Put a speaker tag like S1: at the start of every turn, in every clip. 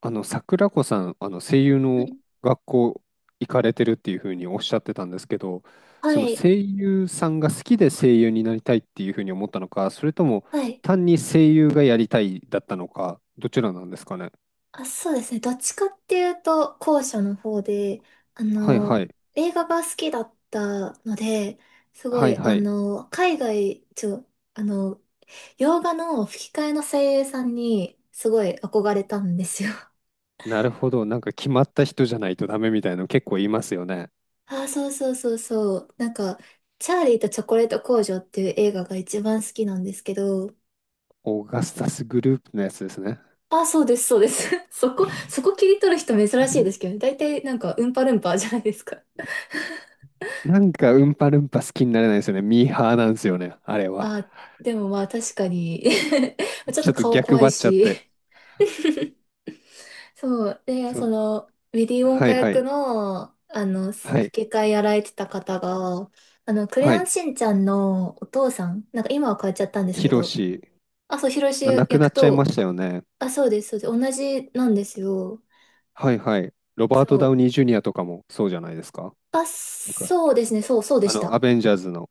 S1: 桜子さん、声優
S2: は
S1: の
S2: い。
S1: 学校行かれてるっていうふうにおっしゃってたんですけど、
S2: は
S1: その
S2: い。
S1: 声優さんが好きで声優になりたいっていうふうに思ったのか、それとも
S2: はい。
S1: 単に声優がやりたいだったのか、どちらなんですかね。
S2: あ、そうですね。どっちかっていうと、後者の方で、あ
S1: はいは
S2: の、
S1: い。
S2: 映画が好きだったので、すご
S1: はい
S2: い、
S1: はい。
S2: 海外、ちょ、あの、洋画の吹き替えの声優さんに、すごい憧れたんですよ。
S1: なるほど。なんか決まった人じゃないとダメみたいなの結構言いますよね。
S2: あー、そうそうそうそう。なんか、チャーリーとチョコレート工場っていう映画が一番好きなんですけど、
S1: オーガスタスグループのやつですね。
S2: あー、そうです、そうです。そこ切り取る人珍しいですけ どね。大体なんか、ウンパルンパじゃないですか。
S1: なんかうんぱるんぱ好きになれないですよね。ミーハーなんですよね、あれは。
S2: あ、でもまあ確かに ちょっ
S1: ちょ
S2: と
S1: っと
S2: 顔
S1: 逆
S2: 怖
S1: 張
S2: い
S1: っちゃっ
S2: し
S1: て。
S2: そう。で、
S1: そ、
S2: その、ウィリー・ウォン
S1: は
S2: カ
S1: いは
S2: 役
S1: い。
S2: の、
S1: はい、
S2: 吹き替えやられてた方が、クレ
S1: は
S2: ヨン
S1: い。
S2: しんちゃんのお父さん、なんか今は変えちゃったんです
S1: ヒ
S2: け
S1: ロ
S2: ど、
S1: シ、
S2: あ、そう、ヒロシ
S1: あ、亡く
S2: 役
S1: なっちゃいま
S2: と、
S1: したよね。
S2: あ、そうです、そうです、同じなんですよ。
S1: はい、はい。ロバー
S2: そ
S1: ト・ダウ
S2: う。
S1: ニー・ジュニアとかもそうじゃないですか。
S2: あ、
S1: なんか
S2: そうですね、そう、そうでし
S1: ア
S2: た。
S1: ベンジャーズの。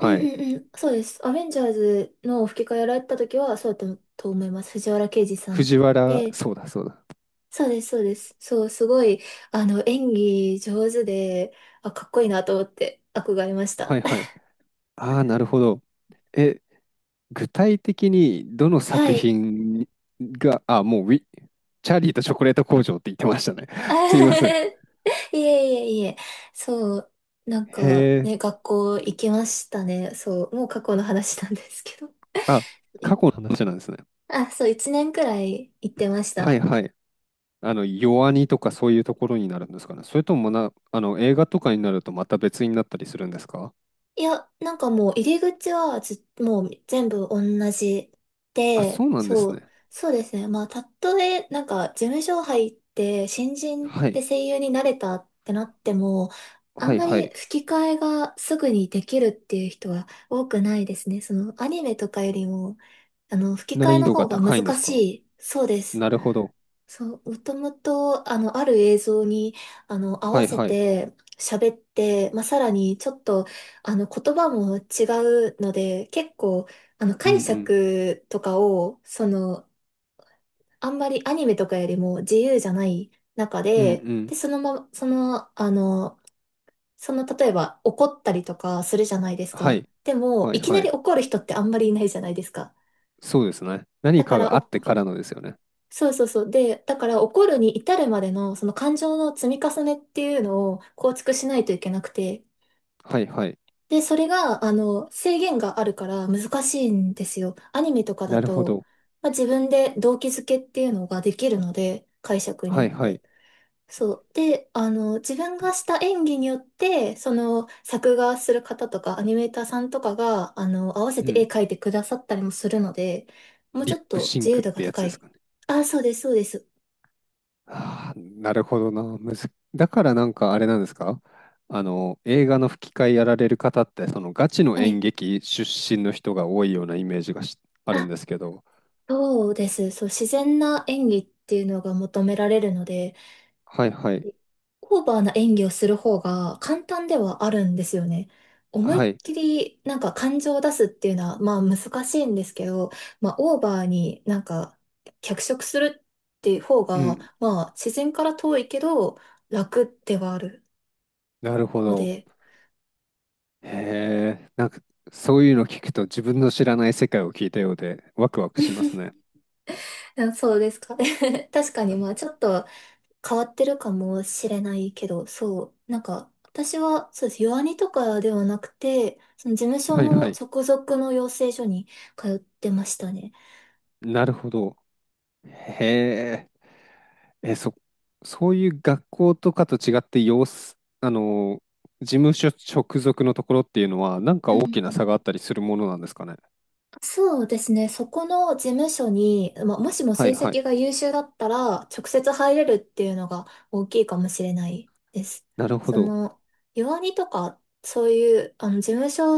S2: うん
S1: い。
S2: うんうん、そうです。アベンジャーズの吹き替えやられてた時は、そうだったと思います。藤原啓治さん。
S1: 藤原、
S2: で、
S1: そうだ、そうだ。
S2: そうです、そうです。そう、すごい、演技上手で、あ、かっこいいなと思って憧れまし
S1: は
S2: た。
S1: い、はい。ああ、なるほど。え、具体的にどの
S2: は
S1: 作
S2: い。
S1: 品が、あ、もうウィ、チャーリーとチョコレート工場って言ってましたね。すいません。
S2: いえいえいえ。そう、なん
S1: へ
S2: か
S1: え。
S2: ね、学校行きましたね。そう、もう過去の話なんですけど。
S1: あ、過去の話なんですね。
S2: あ、そう、一年くらい行ってまし
S1: はい、
S2: た。
S1: はい。弱にとかそういうところになるんですかね。それともな、映画とかになるとまた別になったりするんですか？
S2: いや、なんかもう入り口はず、もう全部同じ
S1: あ、
S2: で、
S1: そうなんで
S2: そ
S1: す
S2: う、
S1: ね。
S2: そうですね。まあ、たとえ、なんか事務所入って新人
S1: は
S2: で
S1: い。
S2: 声優になれたってなっても、あ
S1: は
S2: ん
S1: い
S2: ま
S1: は
S2: り
S1: い。
S2: 吹き替えがすぐにできるっていう人は多くないですね。そのアニメとかよりも、吹き替
S1: 難
S2: え
S1: 易
S2: の
S1: 度が
S2: 方が
S1: 高いんで
S2: 難
S1: す
S2: し
S1: か？
S2: い。そうです。
S1: なるほど。
S2: そう、もともと、ある映像に、合
S1: は
S2: わ
S1: い
S2: せ
S1: はい。
S2: て喋って、まあ、さらにちょっと、言葉も違うので、結構、
S1: うんう
S2: 解
S1: ん。
S2: 釈とかを、その、あんまりアニメとかよりも自由じゃない中
S1: うんう
S2: で、で、
S1: ん。
S2: そのまま、例えば怒ったりとかするじゃないです
S1: は
S2: か。
S1: い。
S2: でも、
S1: はい
S2: いきな
S1: は
S2: り
S1: い。
S2: 怒る人ってあんまりいないじゃないですか。
S1: そうですね。
S2: だ
S1: 何
S2: か
S1: か
S2: ら、
S1: があってからのですよね。
S2: そうそうそう。で、だから怒るに至るまでのその感情の積み重ねっていうのを構築しないといけなくて。
S1: はいはい。
S2: で、それが、制限があるから難しいんですよ。アニメとかだ
S1: なるほ
S2: と、
S1: ど。
S2: まあ、自分で動機づけっていうのができるので、解釈によ
S1: は
S2: っ
S1: いは
S2: て。
S1: い。
S2: そう。で、自分がした演技によって、その、作画する方とか、アニメーターさんとかが、合わせ
S1: う
S2: て絵
S1: ん。
S2: 描いてくださったりもするので、もう
S1: リ
S2: ちょ
S1: ッ
S2: っ
S1: プ
S2: と
S1: シン
S2: 自
S1: ク
S2: 由度
S1: っ
S2: が
S1: てやつ
S2: 高
S1: です
S2: い。
S1: かね？
S2: あ、そうです、そうです。
S1: ああ、なるほどな。むず、だからなんかあれなんですか？映画の吹き替えやられる方って、そのガチの
S2: は
S1: 演
S2: い。
S1: 劇出身の人が多いようなイメージがし、あるん
S2: あ、
S1: ですけど。
S2: そうです。そう、自然な演技っていうのが求められるので、
S1: はいはい。
S2: オーバーな演技をする方が簡単ではあるんですよね。思いっ
S1: はい。
S2: きりなんか感情を出すっていうのはまあ難しいんですけど、まあオーバーになんか脚色するっていう方
S1: う
S2: が
S1: ん。
S2: まあ自然から遠いけど楽ではある
S1: なるほ
S2: の
S1: ど。
S2: で、
S1: へえ。なんか、そういうの聞くと自分の知らない世界を聞いたようでワクワクしますね。
S2: あ、そうですかね。確かにまあちょっと変わってるかもしれないけど、そう、なんか、私は、そうです、弱アニとかではなくて、その事務所
S1: はい
S2: の
S1: はい。
S2: 直属の養成所に通ってましたね。
S1: なるほど。へえ。え、そ、そういう学校とかと違って、様子、事務所直属のところっていうのは、なんか
S2: う
S1: 大きな
S2: ん。
S1: 差があったりするものなんですかね。
S2: そうですね。そこの事務所に、まあ、もしも
S1: は
S2: 成
S1: いはい。
S2: 績が優秀だったら、直接入れるっていうのが大きいかもしれないです。
S1: なるほ
S2: そ
S1: ど。
S2: の、弱アニとか、そういう、事務所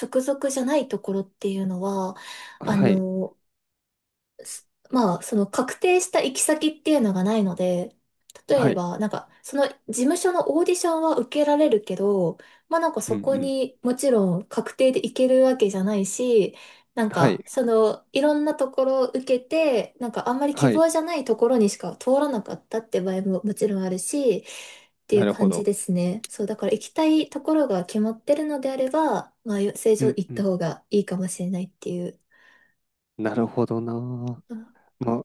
S2: 直属じゃないところっていうのは、あ
S1: はい。
S2: の、まあ、その確定した行き先っていうのがないので、例
S1: は
S2: え
S1: い。
S2: ば、なんか、その事務所のオーディションは受けられるけど、まあなんか
S1: うん
S2: そ
S1: う
S2: こ
S1: ん。
S2: にもちろん確定で行けるわけじゃないし、なん
S1: は
S2: か、
S1: い。
S2: その、いろんなところを受けて、なんかあんまり希
S1: はい。
S2: 望じゃないところにしか通らなかったって場合ももちろんあるし、ってい
S1: な
S2: う
S1: るほ
S2: 感じ
S1: ど。
S2: ですね。そう、だから行きたいところが決まってるのであれば、まあ、正
S1: う
S2: 常
S1: ん
S2: 行っ
S1: う
S2: た
S1: ん。
S2: 方がいいかもしれないっていう。
S1: なるほどなあ。ま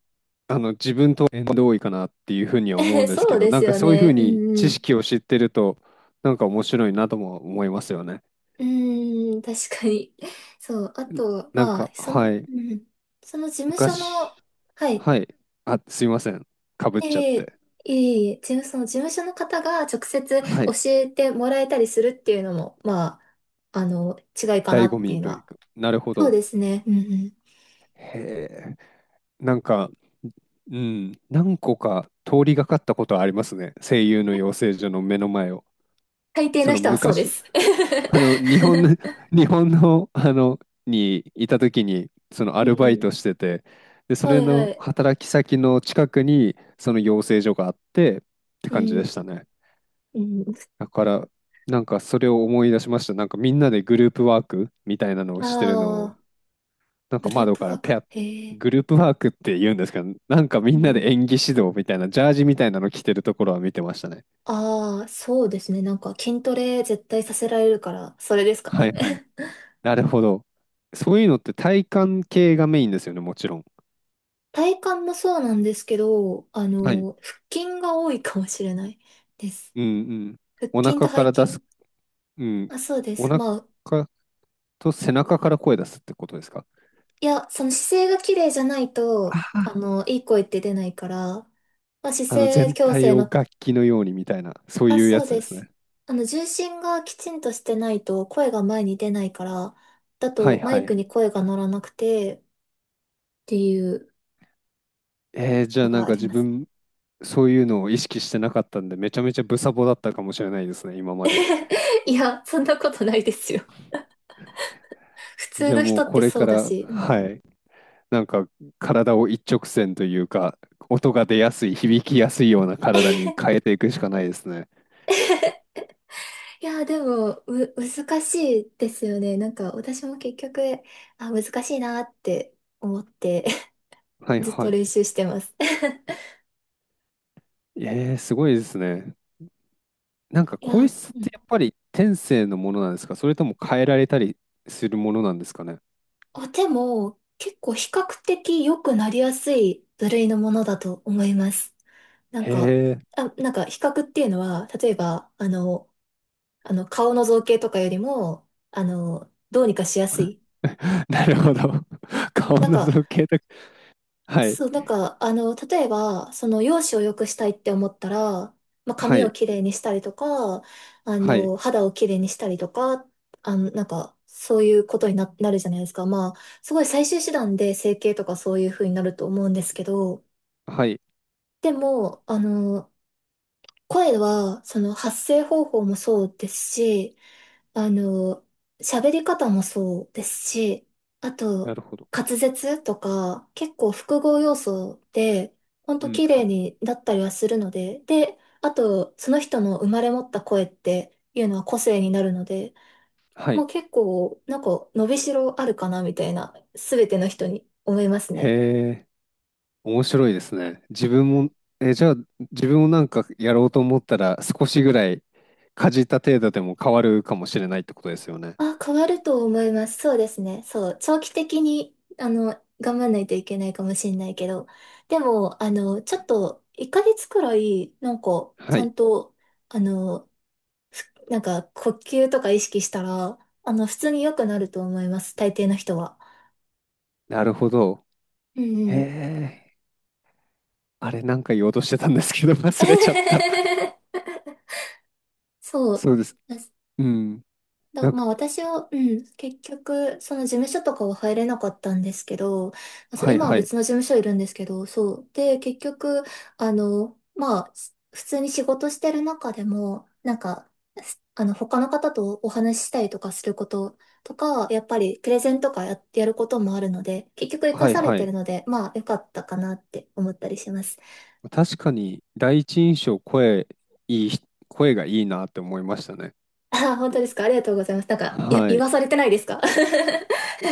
S1: あ、自分と縁遠いかなっていうふうには思うん ですけ
S2: そう
S1: ど、
S2: で
S1: な
S2: す
S1: んか
S2: よ
S1: そういうふう
S2: ね。うん
S1: に
S2: う
S1: 知
S2: ん。
S1: 識を知ってると、なんか面白いなとも思いますよね。
S2: うーん、確かに。そう。あと、
S1: なん
S2: まあ、
S1: か、
S2: その、
S1: はい。
S2: うん。その事務所
S1: 昔、
S2: の、はい。
S1: はい。あ、すいません、かぶっちゃっ
S2: ええ、
S1: て。
S2: ええ、その事務所の方が直接
S1: は
S2: 教
S1: い。
S2: えてもらえたりするっていうのも、まあ、違いかな
S1: 醍
S2: っ
S1: 醐
S2: てい
S1: 味
S2: うの
S1: という
S2: は。
S1: か。なるほ
S2: そう
S1: ど。
S2: ですね。うんうん。
S1: へえ。なんか、うん。何個か通りがかったことはありますね。声優の養成所の目の前を。
S2: 大抵
S1: そ
S2: の
S1: の
S2: 人はそうで
S1: 昔、
S2: す。
S1: 日本の、日本の、にいた時に、そのア
S2: う
S1: ルバイ
S2: ん。
S1: トしてて、で、そ
S2: は
S1: れ
S2: いは
S1: の
S2: い。
S1: 働き先の近くに、その養成所があって、って
S2: う
S1: 感じでした
S2: ん。
S1: ね。
S2: うん。
S1: だから、なんかそれを思い出しました。なんかみんなでグループワークみたいなのを
S2: あ
S1: してるのを、
S2: あ、
S1: なん
S2: グ
S1: か
S2: ルー
S1: 窓
S2: プ
S1: か
S2: ワ
S1: ら
S2: ー
S1: ペ
S2: ク。
S1: ア、
S2: へえ。
S1: グループワークって言うんですけど、なんかみ
S2: う
S1: んな
S2: ん。
S1: で演技指導みたいな、ジャージみたいなの着てるところは見てましたね。
S2: ああ、そうですね。なんか筋トレ絶対させられるから、それですか
S1: はい
S2: ね。
S1: はい。なるほど。そういうのって体幹系がメインですよね、もちろん。
S2: 体幹もそうなんですけど、
S1: はい。
S2: 腹筋が多いかもしれないです。
S1: うんうん。
S2: 腹
S1: お
S2: 筋と
S1: 腹か
S2: 背
S1: ら出
S2: 筋。
S1: す、うん。
S2: あ、そうで
S1: お
S2: す。
S1: 腹
S2: まあ、
S1: と背中から声出すってことですか？
S2: いや、その姿勢が綺麗じゃないと、いい声って出ないから、まあ、姿勢
S1: 全
S2: 矯
S1: 体
S2: 正
S1: を
S2: の、
S1: 楽器のようにみたいな、そう
S2: あ、
S1: いうや
S2: そう
S1: つ
S2: で
S1: です
S2: す。
S1: ね。
S2: 重心がきちんとしてないと声が前に出ないから、だ
S1: は
S2: と
S1: い
S2: マ
S1: は
S2: イク
S1: い。
S2: に声が乗らなくてっていう
S1: えー、じゃ
S2: の
S1: あな
S2: が
S1: ん
S2: あ
S1: か
S2: り
S1: 自
S2: ます。
S1: 分、そういうのを意識してなかったんで、めちゃめちゃブサボだったかもしれないですね、今まで。
S2: いや、そんなことないですよ。普通
S1: じゃあ
S2: の
S1: も
S2: 人
S1: う
S2: っ
S1: こ
S2: て
S1: れ
S2: そ
S1: か
S2: うだ
S1: ら、
S2: し。うん。
S1: はい、なんか体を一直線というか、音が出やすい、響きやすいような体 に変えていくしかないですね。
S2: いや、でも、難しいですよね。なんか、私も結局、あ、難しいなって思って
S1: は い
S2: ずっと
S1: は
S2: 練習してます。
S1: い。えー、すごいですね。なんか
S2: いや、
S1: 声
S2: う
S1: 質っ
S2: ん。
S1: てやっぱり天性のものなんですか？それとも変えられたりするものなんですかね？
S2: あ、でも、結構比較的良くなりやすい部類のものだと思います。なん
S1: へ
S2: か、
S1: え。
S2: あ、なんか比較っていうのは、例えば、顔の造形とかよりも、どうにかしやすい。
S1: なるほど。顔
S2: なん
S1: の
S2: か、
S1: 造形とか。はい。
S2: そう、なんか、例えば、その、容姿を良くしたいって思ったら、まあ、
S1: は
S2: 髪を
S1: い。
S2: きれいにしたりとか、
S1: はい。
S2: 肌をきれいにしたりとか、なんか、そういうことになるじゃないですか。まあ、すごい最終手段で整形とかそういう風になると思うんですけど、
S1: はい。
S2: でも、声は、その、発声方法もそうですし、あの、喋り方もそうですし、あ
S1: な
S2: と、
S1: るほど。
S2: 滑舌とか、結構複合要素で、ほん
S1: う
S2: と
S1: ん
S2: 綺
S1: う
S2: 麗
S1: ん。
S2: になったりはするので、で、あと、その人の生まれ持った声っていうのは個性になるので、
S1: は
S2: も
S1: い。
S2: う結構、なんか、伸びしろあるかな、みたいな、すべての人に思います
S1: へ
S2: ね。
S1: え、面白いですね。自分も、え、じゃあ、自分もなんかやろうと思ったら、少しぐらいかじった程度でも変わるかもしれないってことですよね。
S2: あ、変わると思います。そうですね。そう。長期的に、頑張らないといけないかもしれないけど。でも、ちょっと、1ヶ月くらい、なんか、ち
S1: は
S2: ゃ
S1: い。
S2: んと、あの、なんか、呼吸とか意識したら、普通に良くなると思います。大抵の人は。
S1: なるほど。
S2: う
S1: へ
S2: んうん。
S1: え、あれ、なんか言おうとしてたんですけど、忘れちゃった。
S2: そう。
S1: そうです。うん。なん
S2: ま
S1: か、
S2: あ私は、うん、結局、その事務所とかは入れなかったんですけど、あ、そう、
S1: はい
S2: 今は
S1: はい。
S2: 別の事務所いるんですけど、そう。で、結局、まあ、普通に仕事してる中でも、なんか、すあの、他の方とお話ししたりとかすることとか、やっぱりプレゼンとかやることもあるので、結局活か
S1: はい
S2: され
S1: は
S2: てる
S1: い。
S2: ので、まあ、良かったかなって思ったりします。
S1: 確かに、第一印象、声、いい、声がいいなって思いましたね。
S2: あー、本当ですか。ありがとうございます。なんか、いや、
S1: は
S2: 言
S1: い。
S2: わされてないですか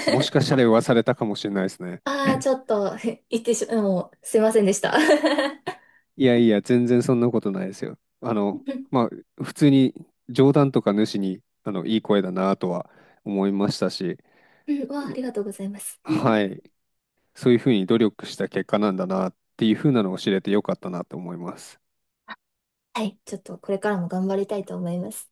S1: もしかしたら言わされたかもしれないですね。
S2: ああ、ちょっと、言ってしまもう、すいませんでした。
S1: いやいや、全然そんなことないですよ。
S2: うん、
S1: まあ、普通に冗談とか主に、いい声だなとは思いましたし、
S2: うん、わあ、ありがとうございます。
S1: はい、そういうふうに努力した結果なんだなっていうふうなのを知れてよかったなと思います。
S2: はい、ちょっとこれからも頑張りたいと思います。